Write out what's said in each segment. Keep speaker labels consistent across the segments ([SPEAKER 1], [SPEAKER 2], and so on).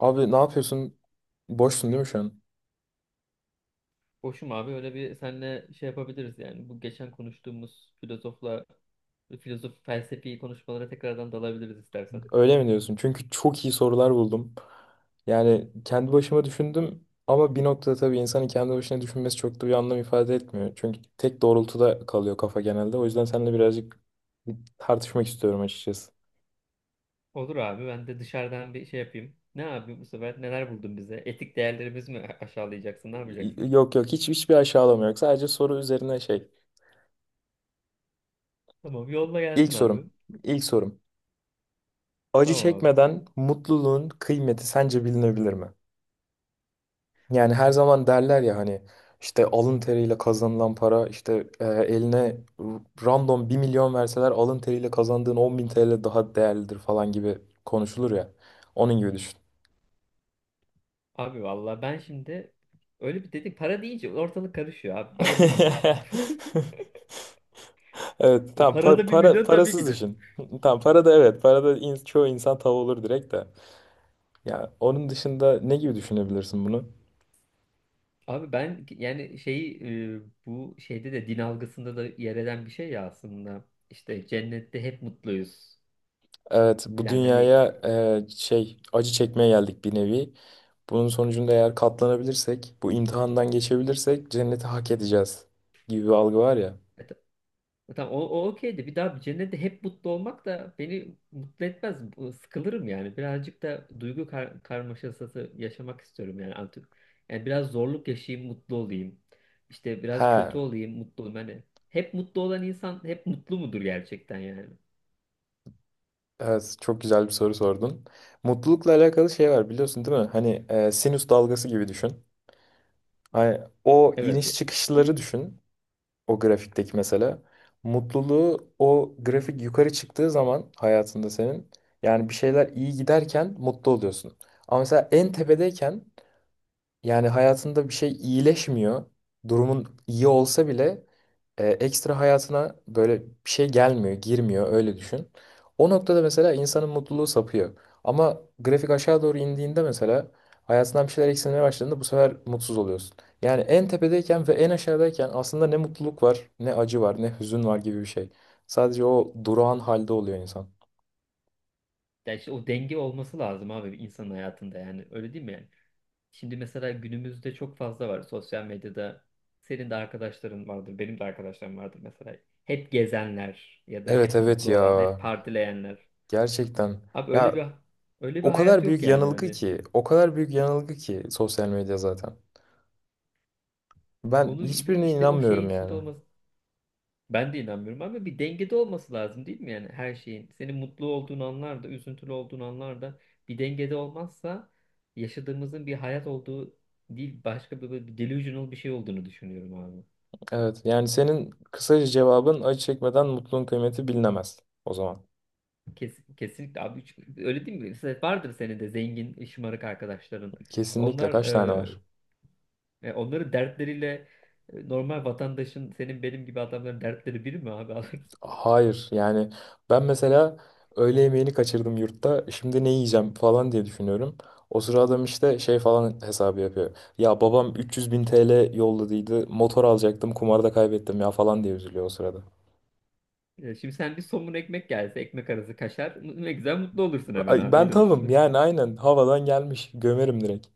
[SPEAKER 1] Abi, ne yapıyorsun? Boşsun değil mi şu an?
[SPEAKER 2] Boşum abi, öyle bir senle şey yapabiliriz yani. Bu geçen konuştuğumuz filozof felsefi konuşmalara tekrardan dalabiliriz istersen.
[SPEAKER 1] Öyle mi diyorsun? Çünkü çok iyi sorular buldum. Yani kendi başıma düşündüm ama bir noktada tabii insanın kendi başına düşünmesi çok da bir anlam ifade etmiyor. Çünkü tek doğrultuda kalıyor kafa genelde. O yüzden seninle birazcık tartışmak istiyorum açıkçası.
[SPEAKER 2] Olur abi, ben de dışarıdan bir şey yapayım. Ne abi, bu sefer neler buldun bize? Etik değerlerimiz mi aşağılayacaksın? Ne yapacaksın?
[SPEAKER 1] Yok yok, hiç hiçbir aşağılama yok. Sadece soru üzerine şey.
[SPEAKER 2] Tamam, yolla
[SPEAKER 1] İlk
[SPEAKER 2] gelsin abi.
[SPEAKER 1] sorum. İlk sorum. Acı
[SPEAKER 2] Tamam abi.
[SPEAKER 1] çekmeden mutluluğun kıymeti sence bilinebilir mi? Yani her zaman derler ya, hani işte alın teriyle kazanılan para, işte eline random 1.000.000 verseler alın teriyle kazandığın 10.000 TL daha değerlidir falan gibi konuşulur ya. Onun gibi düşün.
[SPEAKER 2] Abi valla ben şimdi öyle bir dedik, para deyince ortalık karışıyor abi. Para demeyeceksin.
[SPEAKER 1] Evet, tamam,
[SPEAKER 2] Parada bir
[SPEAKER 1] para,
[SPEAKER 2] milyon tabii ki
[SPEAKER 1] parasız
[SPEAKER 2] de.
[SPEAKER 1] düşün. Tamam, para da, evet, para da çoğu insan tav olur direkt de. Ya onun dışında ne gibi düşünebilirsin bunu?
[SPEAKER 2] Abi ben yani e, bu şeyde de din algısında da yer eden bir şey ya aslında. İşte cennette hep mutluyuz
[SPEAKER 1] Evet, bu
[SPEAKER 2] filan hani.
[SPEAKER 1] dünyaya acı çekmeye geldik bir nevi. Bunun sonucunda eğer katlanabilirsek, bu imtihandan geçebilirsek cenneti hak edeceğiz gibi bir algı var ya.
[SPEAKER 2] e, ta- tamam, o okeydi. Bir daha bir cennette hep mutlu olmak da beni mutlu etmez. Sıkılırım yani. Birazcık da duygu karmaşası yaşamak istiyorum yani artık. Yani biraz zorluk yaşayayım, mutlu olayım. İşte biraz kötü
[SPEAKER 1] Ha,
[SPEAKER 2] olayım, mutlu olayım. Hani hep mutlu olan insan hep mutlu mudur gerçekten yani?
[SPEAKER 1] evet, çok güzel bir soru sordun. Mutlulukla alakalı şey var, biliyorsun değil mi? Hani sinüs dalgası gibi düşün. Hani o iniş
[SPEAKER 2] Evet.
[SPEAKER 1] çıkışları düşün, o grafikteki mesela. Mutluluğu, o grafik yukarı çıktığı zaman hayatında senin, yani bir şeyler iyi giderken mutlu oluyorsun. Ama mesela en tepedeyken, yani hayatında bir şey iyileşmiyor. Durumun iyi olsa bile ekstra hayatına böyle bir şey gelmiyor, girmiyor, öyle düşün. O noktada mesela insanın mutluluğu sapıyor. Ama grafik aşağı doğru indiğinde mesela, hayatından bir şeyler eksilmeye başladığında, bu sefer mutsuz oluyorsun. Yani en tepedeyken ve en aşağıdayken aslında ne mutluluk var, ne acı var, ne hüzün var gibi bir şey. Sadece o durağan halde oluyor insan.
[SPEAKER 2] Ya işte o denge olması lazım abi insanın hayatında, yani öyle değil mi yani? Şimdi mesela günümüzde çok fazla var sosyal medyada. Senin de arkadaşların vardır, benim de arkadaşlarım vardır mesela. Hep gezenler ya da
[SPEAKER 1] Evet,
[SPEAKER 2] hep
[SPEAKER 1] evet
[SPEAKER 2] mutlu
[SPEAKER 1] ya.
[SPEAKER 2] olan, hep partileyenler.
[SPEAKER 1] Gerçekten.
[SPEAKER 2] Abi öyle
[SPEAKER 1] Ya,
[SPEAKER 2] bir öyle bir
[SPEAKER 1] o
[SPEAKER 2] hayat
[SPEAKER 1] kadar
[SPEAKER 2] yok
[SPEAKER 1] büyük
[SPEAKER 2] yani
[SPEAKER 1] yanılgı
[SPEAKER 2] hani.
[SPEAKER 1] ki, o kadar büyük yanılgı ki sosyal medya zaten. Ben
[SPEAKER 2] Onu
[SPEAKER 1] hiçbirine
[SPEAKER 2] işte o şeyin
[SPEAKER 1] inanmıyorum
[SPEAKER 2] içinde
[SPEAKER 1] yani.
[SPEAKER 2] olması. Ben de inanmıyorum, ama bir dengede olması lazım değil mi yani her şeyin? Senin mutlu olduğun anlarda, üzüntülü olduğun anlarda bir dengede olmazsa yaşadığımızın bir hayat olduğu değil, başka bir delusional bir şey olduğunu düşünüyorum abi.
[SPEAKER 1] Evet, yani senin kısaca cevabın, acı çekmeden mutluluğun kıymeti bilinemez o zaman.
[SPEAKER 2] Kesinlikle abi, öyle değil mi? Mesela vardır senin de zengin, şımarık arkadaşların.
[SPEAKER 1] Kesinlikle
[SPEAKER 2] Onlar
[SPEAKER 1] kaç tane var?
[SPEAKER 2] onların dertleriyle, normal vatandaşın, senin benim gibi adamların dertleri biri mi abi?
[SPEAKER 1] Hayır, yani ben mesela öğle yemeğini kaçırdım yurtta, şimdi ne yiyeceğim falan diye düşünüyorum. O sıra adam işte şey falan hesabı yapıyor. Ya, babam 300 bin TL yolladıydı, motor alacaktım, kumarda kaybettim ya falan diye üzülüyor o sırada.
[SPEAKER 2] Ya şimdi sen bir somun ekmek gelse, ekmek arası kaşar, ne güzel mutlu olursun hemen
[SPEAKER 1] Ay,
[SPEAKER 2] abi,
[SPEAKER 1] ben
[SPEAKER 2] öyle
[SPEAKER 1] tavım
[SPEAKER 2] düşün.
[SPEAKER 1] yani, aynen havadan gelmiş. Gömerim direkt.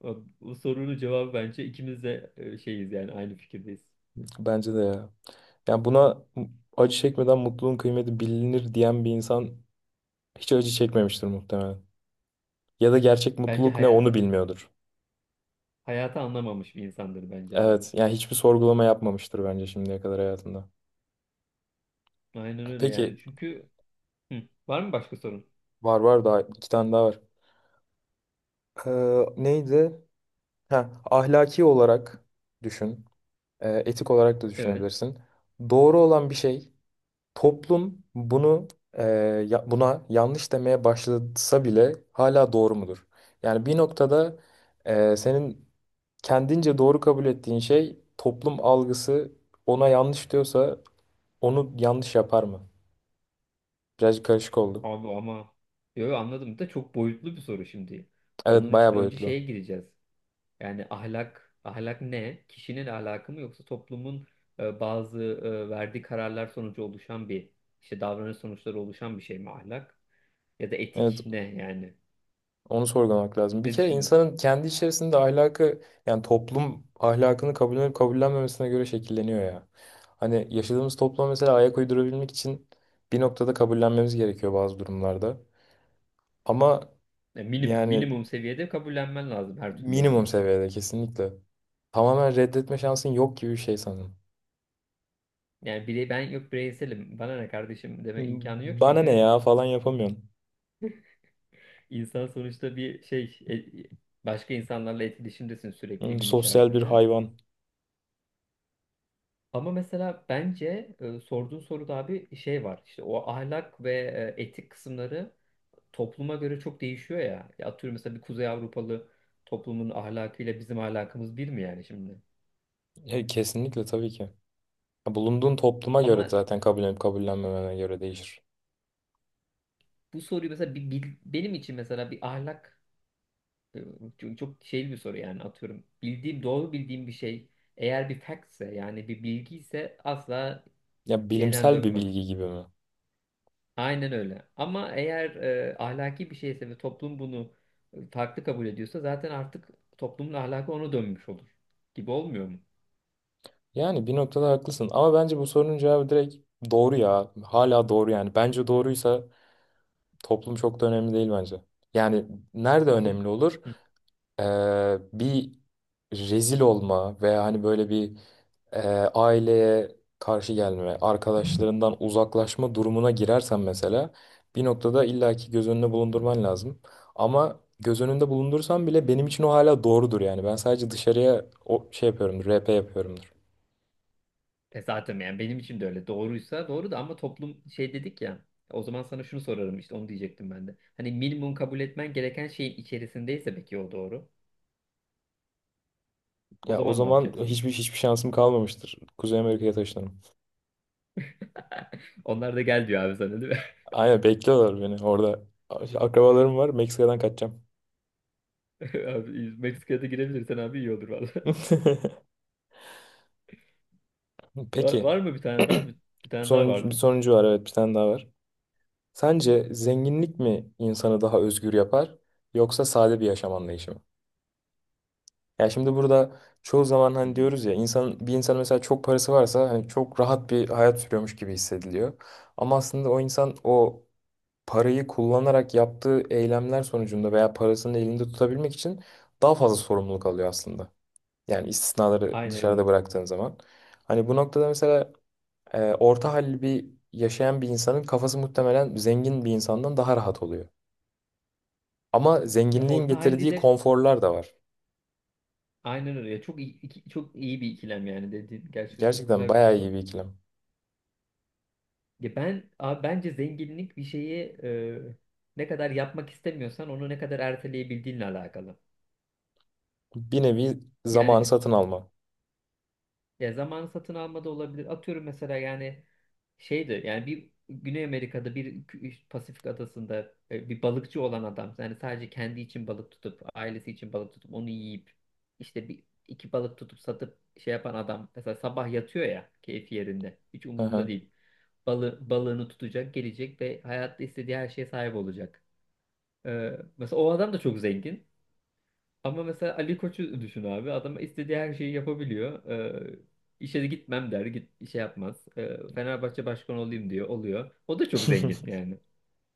[SPEAKER 2] Abi, bu sorunun cevabı bence ikimiz de şeyiz yani, aynı fikirdeyiz.
[SPEAKER 1] Bence de ya. Yani buna acı çekmeden mutluluğun kıymeti bilinir diyen bir insan hiç acı çekmemiştir muhtemelen. Ya da gerçek
[SPEAKER 2] Bence
[SPEAKER 1] mutluluk ne, onu
[SPEAKER 2] hayatı
[SPEAKER 1] bilmiyordur.
[SPEAKER 2] hayatı anlamamış bir insandır bence abi.
[SPEAKER 1] Evet, yani hiçbir sorgulama yapmamıştır bence şimdiye kadar hayatında.
[SPEAKER 2] Aynen öyle yani
[SPEAKER 1] Peki.
[SPEAKER 2] çünkü. Hı, var mı başka sorun?
[SPEAKER 1] Var, var, daha iki tane daha var. Neydi? Ha, ahlaki olarak düşün. Etik olarak da
[SPEAKER 2] Evet.
[SPEAKER 1] düşünebilirsin. Doğru olan bir şey, toplum bunu e, buna yanlış demeye başlasa bile hala doğru mudur? Yani bir noktada senin kendince doğru kabul ettiğin şey, toplum algısı ona yanlış diyorsa onu yanlış yapar mı? Biraz karışık oldu.
[SPEAKER 2] Abi ama anladım, da çok boyutlu bir soru şimdi.
[SPEAKER 1] Evet,
[SPEAKER 2] Bunun için
[SPEAKER 1] bayağı
[SPEAKER 2] önce
[SPEAKER 1] boyutlu.
[SPEAKER 2] şeye gireceğiz. Yani ahlak ne? Kişinin ahlakı mı, yoksa toplumun bazı verdiği kararlar sonucu oluşan bir, işte davranış sonuçları oluşan bir şey mi ahlak? Ya da
[SPEAKER 1] Evet,
[SPEAKER 2] etik ne yani?
[SPEAKER 1] onu sorgulamak lazım. Bir
[SPEAKER 2] Ne
[SPEAKER 1] kere
[SPEAKER 2] düşünüyorsun?
[SPEAKER 1] insanın kendi içerisinde ahlakı, yani toplum ahlakını kabullenip kabullenmemesine göre şekilleniyor ya. Hani yaşadığımız topluma mesela ayak uydurabilmek için bir noktada kabullenmemiz gerekiyor bazı durumlarda. Ama
[SPEAKER 2] Ya
[SPEAKER 1] yani
[SPEAKER 2] minimum seviyede kabullenmen lazım her türlü
[SPEAKER 1] minimum
[SPEAKER 2] yani.
[SPEAKER 1] seviyede kesinlikle. Tamamen reddetme şansın yok gibi bir şey sanırım.
[SPEAKER 2] Yani ben yok bireyselim, bana ne kardeşim deme
[SPEAKER 1] Hmm,
[SPEAKER 2] imkanı yok,
[SPEAKER 1] bana ne
[SPEAKER 2] çünkü
[SPEAKER 1] ya falan yapamıyorsun.
[SPEAKER 2] insan sonuçta bir şey başka insanlarla etkileşimdesin
[SPEAKER 1] Hmm,
[SPEAKER 2] sürekli gün
[SPEAKER 1] sosyal bir
[SPEAKER 2] içerisinde.
[SPEAKER 1] hayvan.
[SPEAKER 2] Ama mesela bence sorduğun soruda abi şey var, işte o ahlak ve etik kısımları topluma göre çok değişiyor ya. Ya atıyorum mesela bir Kuzey Avrupalı toplumun ahlakıyla bizim ahlakımız bir mi yani şimdi?
[SPEAKER 1] Kesinlikle, tabii ki. Bulunduğun topluma göre
[SPEAKER 2] Ama
[SPEAKER 1] zaten, kabullenip kabullenmemene göre değişir.
[SPEAKER 2] bu soruyu mesela benim için mesela bir ahlak, çok şey bir soru yani, atıyorum. Doğru bildiğim bir şey, eğer bir factse yani bir bilgi ise, asla
[SPEAKER 1] Ya,
[SPEAKER 2] şeyden
[SPEAKER 1] bilimsel bir
[SPEAKER 2] dönmem.
[SPEAKER 1] bilgi gibi mi?
[SPEAKER 2] Aynen öyle. Ama eğer ahlaki bir şeyse ve toplum bunu farklı kabul ediyorsa, zaten artık toplumun ahlakı ona dönmüş olur. Gibi olmuyor mu?
[SPEAKER 1] Yani bir noktada haklısın ama bence bu sorunun cevabı direkt doğru ya. Hala doğru yani. Bence doğruysa toplum çok da önemli değil bence. Yani nerede
[SPEAKER 2] O zaman.
[SPEAKER 1] önemli olur?
[SPEAKER 2] Hı.
[SPEAKER 1] e, Bir rezil olma veya hani böyle bir, aileye karşı gelme, arkadaşlarından uzaklaşma durumuna girersen mesela, bir noktada illaki göz önüne bulundurman lazım. Ama göz önünde bulundursan bile benim için o hala doğrudur yani. Ben sadece dışarıya o şey yapıyorumdur, RP yapıyorumdur.
[SPEAKER 2] E zaten yani benim için de öyle. Doğruysa doğru, da ama toplum şey dedik ya. O zaman sana şunu sorarım, işte onu diyecektim ben de. Hani minimum kabul etmen gereken şeyin içerisindeyse peki o doğru. O
[SPEAKER 1] Ya, o
[SPEAKER 2] zaman ne
[SPEAKER 1] zaman
[SPEAKER 2] yapacaksın?
[SPEAKER 1] hiçbir şansım kalmamıştır. Kuzey Amerika'ya taşınırım.
[SPEAKER 2] Onlar da gel diyor abi sana, değil mi?
[SPEAKER 1] Aynen, bekliyorlar beni orada. Akrabalarım var, Meksika'dan kaçacağım.
[SPEAKER 2] Abi Meksika'da girebilirsen abi iyi olur valla.
[SPEAKER 1] Peki.
[SPEAKER 2] Var mı bir tane daha? Bir tane daha
[SPEAKER 1] Bir
[SPEAKER 2] vardı.
[SPEAKER 1] sonuncu var, evet, bir tane daha var. Sence zenginlik mi insanı daha özgür yapar, yoksa sade bir yaşam anlayışı mı? Ya şimdi burada çoğu zaman
[SPEAKER 2] Hı
[SPEAKER 1] hani
[SPEAKER 2] hı.
[SPEAKER 1] diyoruz ya, insan, bir insan mesela çok parası varsa hani çok rahat bir hayat sürüyormuş gibi hissediliyor. Ama aslında o insan, o parayı kullanarak yaptığı eylemler sonucunda veya parasını elinde tutabilmek için daha fazla sorumluluk alıyor aslında. Yani istisnaları
[SPEAKER 2] Aynen
[SPEAKER 1] dışarıda
[SPEAKER 2] öyle.
[SPEAKER 1] bıraktığın zaman. Hani bu noktada mesela orta halli bir yaşayan bir insanın kafası muhtemelen zengin bir insandan daha rahat oluyor. Ama
[SPEAKER 2] Ya
[SPEAKER 1] zenginliğin
[SPEAKER 2] orta halli
[SPEAKER 1] getirdiği
[SPEAKER 2] de
[SPEAKER 1] konforlar da var.
[SPEAKER 2] aynen öyle. Ya çok iyi bir ikilem yani dediğin, gerçekten çok
[SPEAKER 1] Gerçekten
[SPEAKER 2] güzel bir
[SPEAKER 1] bayağı iyi
[SPEAKER 2] soru.
[SPEAKER 1] bir ikilem.
[SPEAKER 2] Ya ben abi bence zenginlik bir şeyi ne kadar yapmak istemiyorsan onu ne kadar erteleyebildiğinle alakalı.
[SPEAKER 1] Bir nevi
[SPEAKER 2] Yani
[SPEAKER 1] zamanı
[SPEAKER 2] biz.
[SPEAKER 1] satın alma.
[SPEAKER 2] Ya zamanı satın alma da olabilir. Atıyorum mesela yani şeydi yani, bir Güney Amerika'da bir Pasifik adasında bir balıkçı olan adam yani sadece kendi için balık tutup, ailesi için balık tutup onu yiyip işte bir iki balık tutup satıp şey yapan adam mesela sabah yatıyor ya, keyfi yerinde, hiç
[SPEAKER 1] Hı
[SPEAKER 2] umurunda
[SPEAKER 1] hı.
[SPEAKER 2] değil. Balığını tutacak, gelecek ve hayatta istediği her şeye sahip olacak. Mesela o adam da çok zengin. Ama mesela Ali Koç'u düşün abi. Adam istediği her şeyi yapabiliyor. İşe de gitmem der. Git, işe yapmaz. Fenerbahçe başkanı olayım diyor. Oluyor. O da çok zengin yani.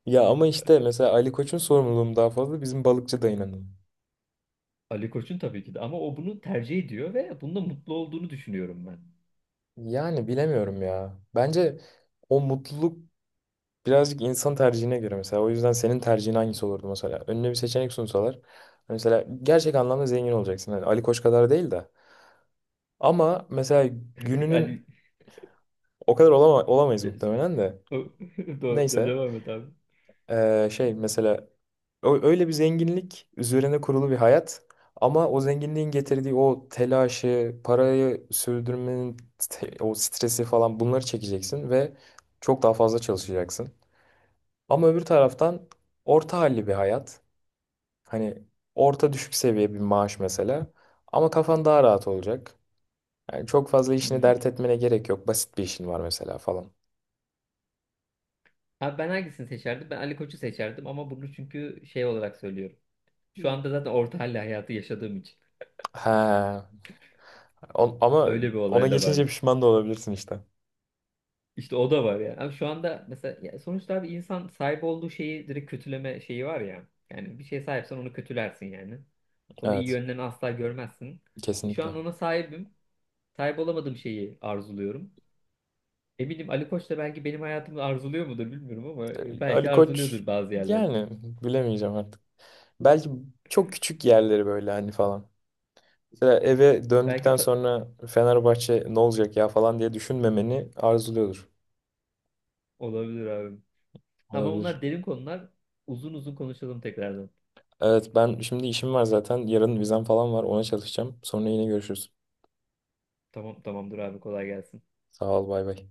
[SPEAKER 1] Ya ama işte mesela Ali Koç'un sorumluluğum daha fazla bizim balıkçı dayının.
[SPEAKER 2] Ali Koç'un tabii ki de. Ama o bunu tercih ediyor ve bunda mutlu olduğunu düşünüyorum ben.
[SPEAKER 1] Yani bilemiyorum ya. Bence o mutluluk birazcık insan tercihine göre mesela. O yüzden senin tercihin hangisi olurdu mesela? Önüne bir seçenek sunsalar. Mesela gerçek anlamda zengin olacaksın. Hani Ali Koç kadar değil de. Ama mesela gününün
[SPEAKER 2] Ali...
[SPEAKER 1] o kadar olamayız
[SPEAKER 2] De-
[SPEAKER 1] muhtemelen de.
[SPEAKER 2] o- Doğru,
[SPEAKER 1] Neyse.
[SPEAKER 2] devam et abi.
[SPEAKER 1] Mesela öyle bir zenginlik üzerine kurulu bir hayat. Ama o zenginliğin getirdiği o telaşı, parayı sürdürmenin o stresi falan, bunları çekeceksin ve çok daha fazla çalışacaksın. Ama öbür taraftan, orta halli bir hayat. Hani orta düşük seviye bir maaş mesela. Ama kafan daha rahat olacak. Yani çok fazla işini
[SPEAKER 2] Hmm.
[SPEAKER 1] dert etmene gerek yok. Basit bir işin var mesela falan.
[SPEAKER 2] Abi ben hangisini seçerdim? Ben Ali Koç'u seçerdim, ama bunu çünkü şey olarak söylüyorum. Şu anda zaten orta halli hayatı yaşadığım için.
[SPEAKER 1] He. Ama
[SPEAKER 2] Öyle bir
[SPEAKER 1] ona
[SPEAKER 2] olay da var.
[SPEAKER 1] geçince pişman da olabilirsin işte.
[SPEAKER 2] İşte o da var yani. Abi şu anda mesela, ya sonuçta abi insan sahip olduğu şeyi direkt kötüleme şeyi var ya. Yani bir şeye sahipsen onu kötülersin yani. Onu iyi
[SPEAKER 1] Evet.
[SPEAKER 2] yönlerini asla görmezsin. E şu an
[SPEAKER 1] Kesinlikle.
[SPEAKER 2] ona sahibim. Sahip olamadığım şeyi arzuluyorum. Eminim Ali Koç da belki benim hayatımı arzuluyor mudur bilmiyorum, ama
[SPEAKER 1] Ali
[SPEAKER 2] belki
[SPEAKER 1] Koç,
[SPEAKER 2] arzuluyordur bazı yerlerde.
[SPEAKER 1] yani bilemeyeceğim artık. Belki çok küçük yerleri böyle hani falan. Mesela eve
[SPEAKER 2] Belki
[SPEAKER 1] döndükten
[SPEAKER 2] ta-
[SPEAKER 1] sonra Fenerbahçe ne olacak ya falan diye düşünmemeni arzuluyordur.
[SPEAKER 2] Olabilir abi. Ama
[SPEAKER 1] Olabilir.
[SPEAKER 2] bunlar derin konular. Uzun uzun konuşalım tekrardan.
[SPEAKER 1] Evet, ben şimdi işim var zaten. Yarın vizem falan var. Ona çalışacağım. Sonra yine görüşürüz.
[SPEAKER 2] Tamam, tamamdır abi, kolay gelsin.
[SPEAKER 1] Sağ ol, bay bay.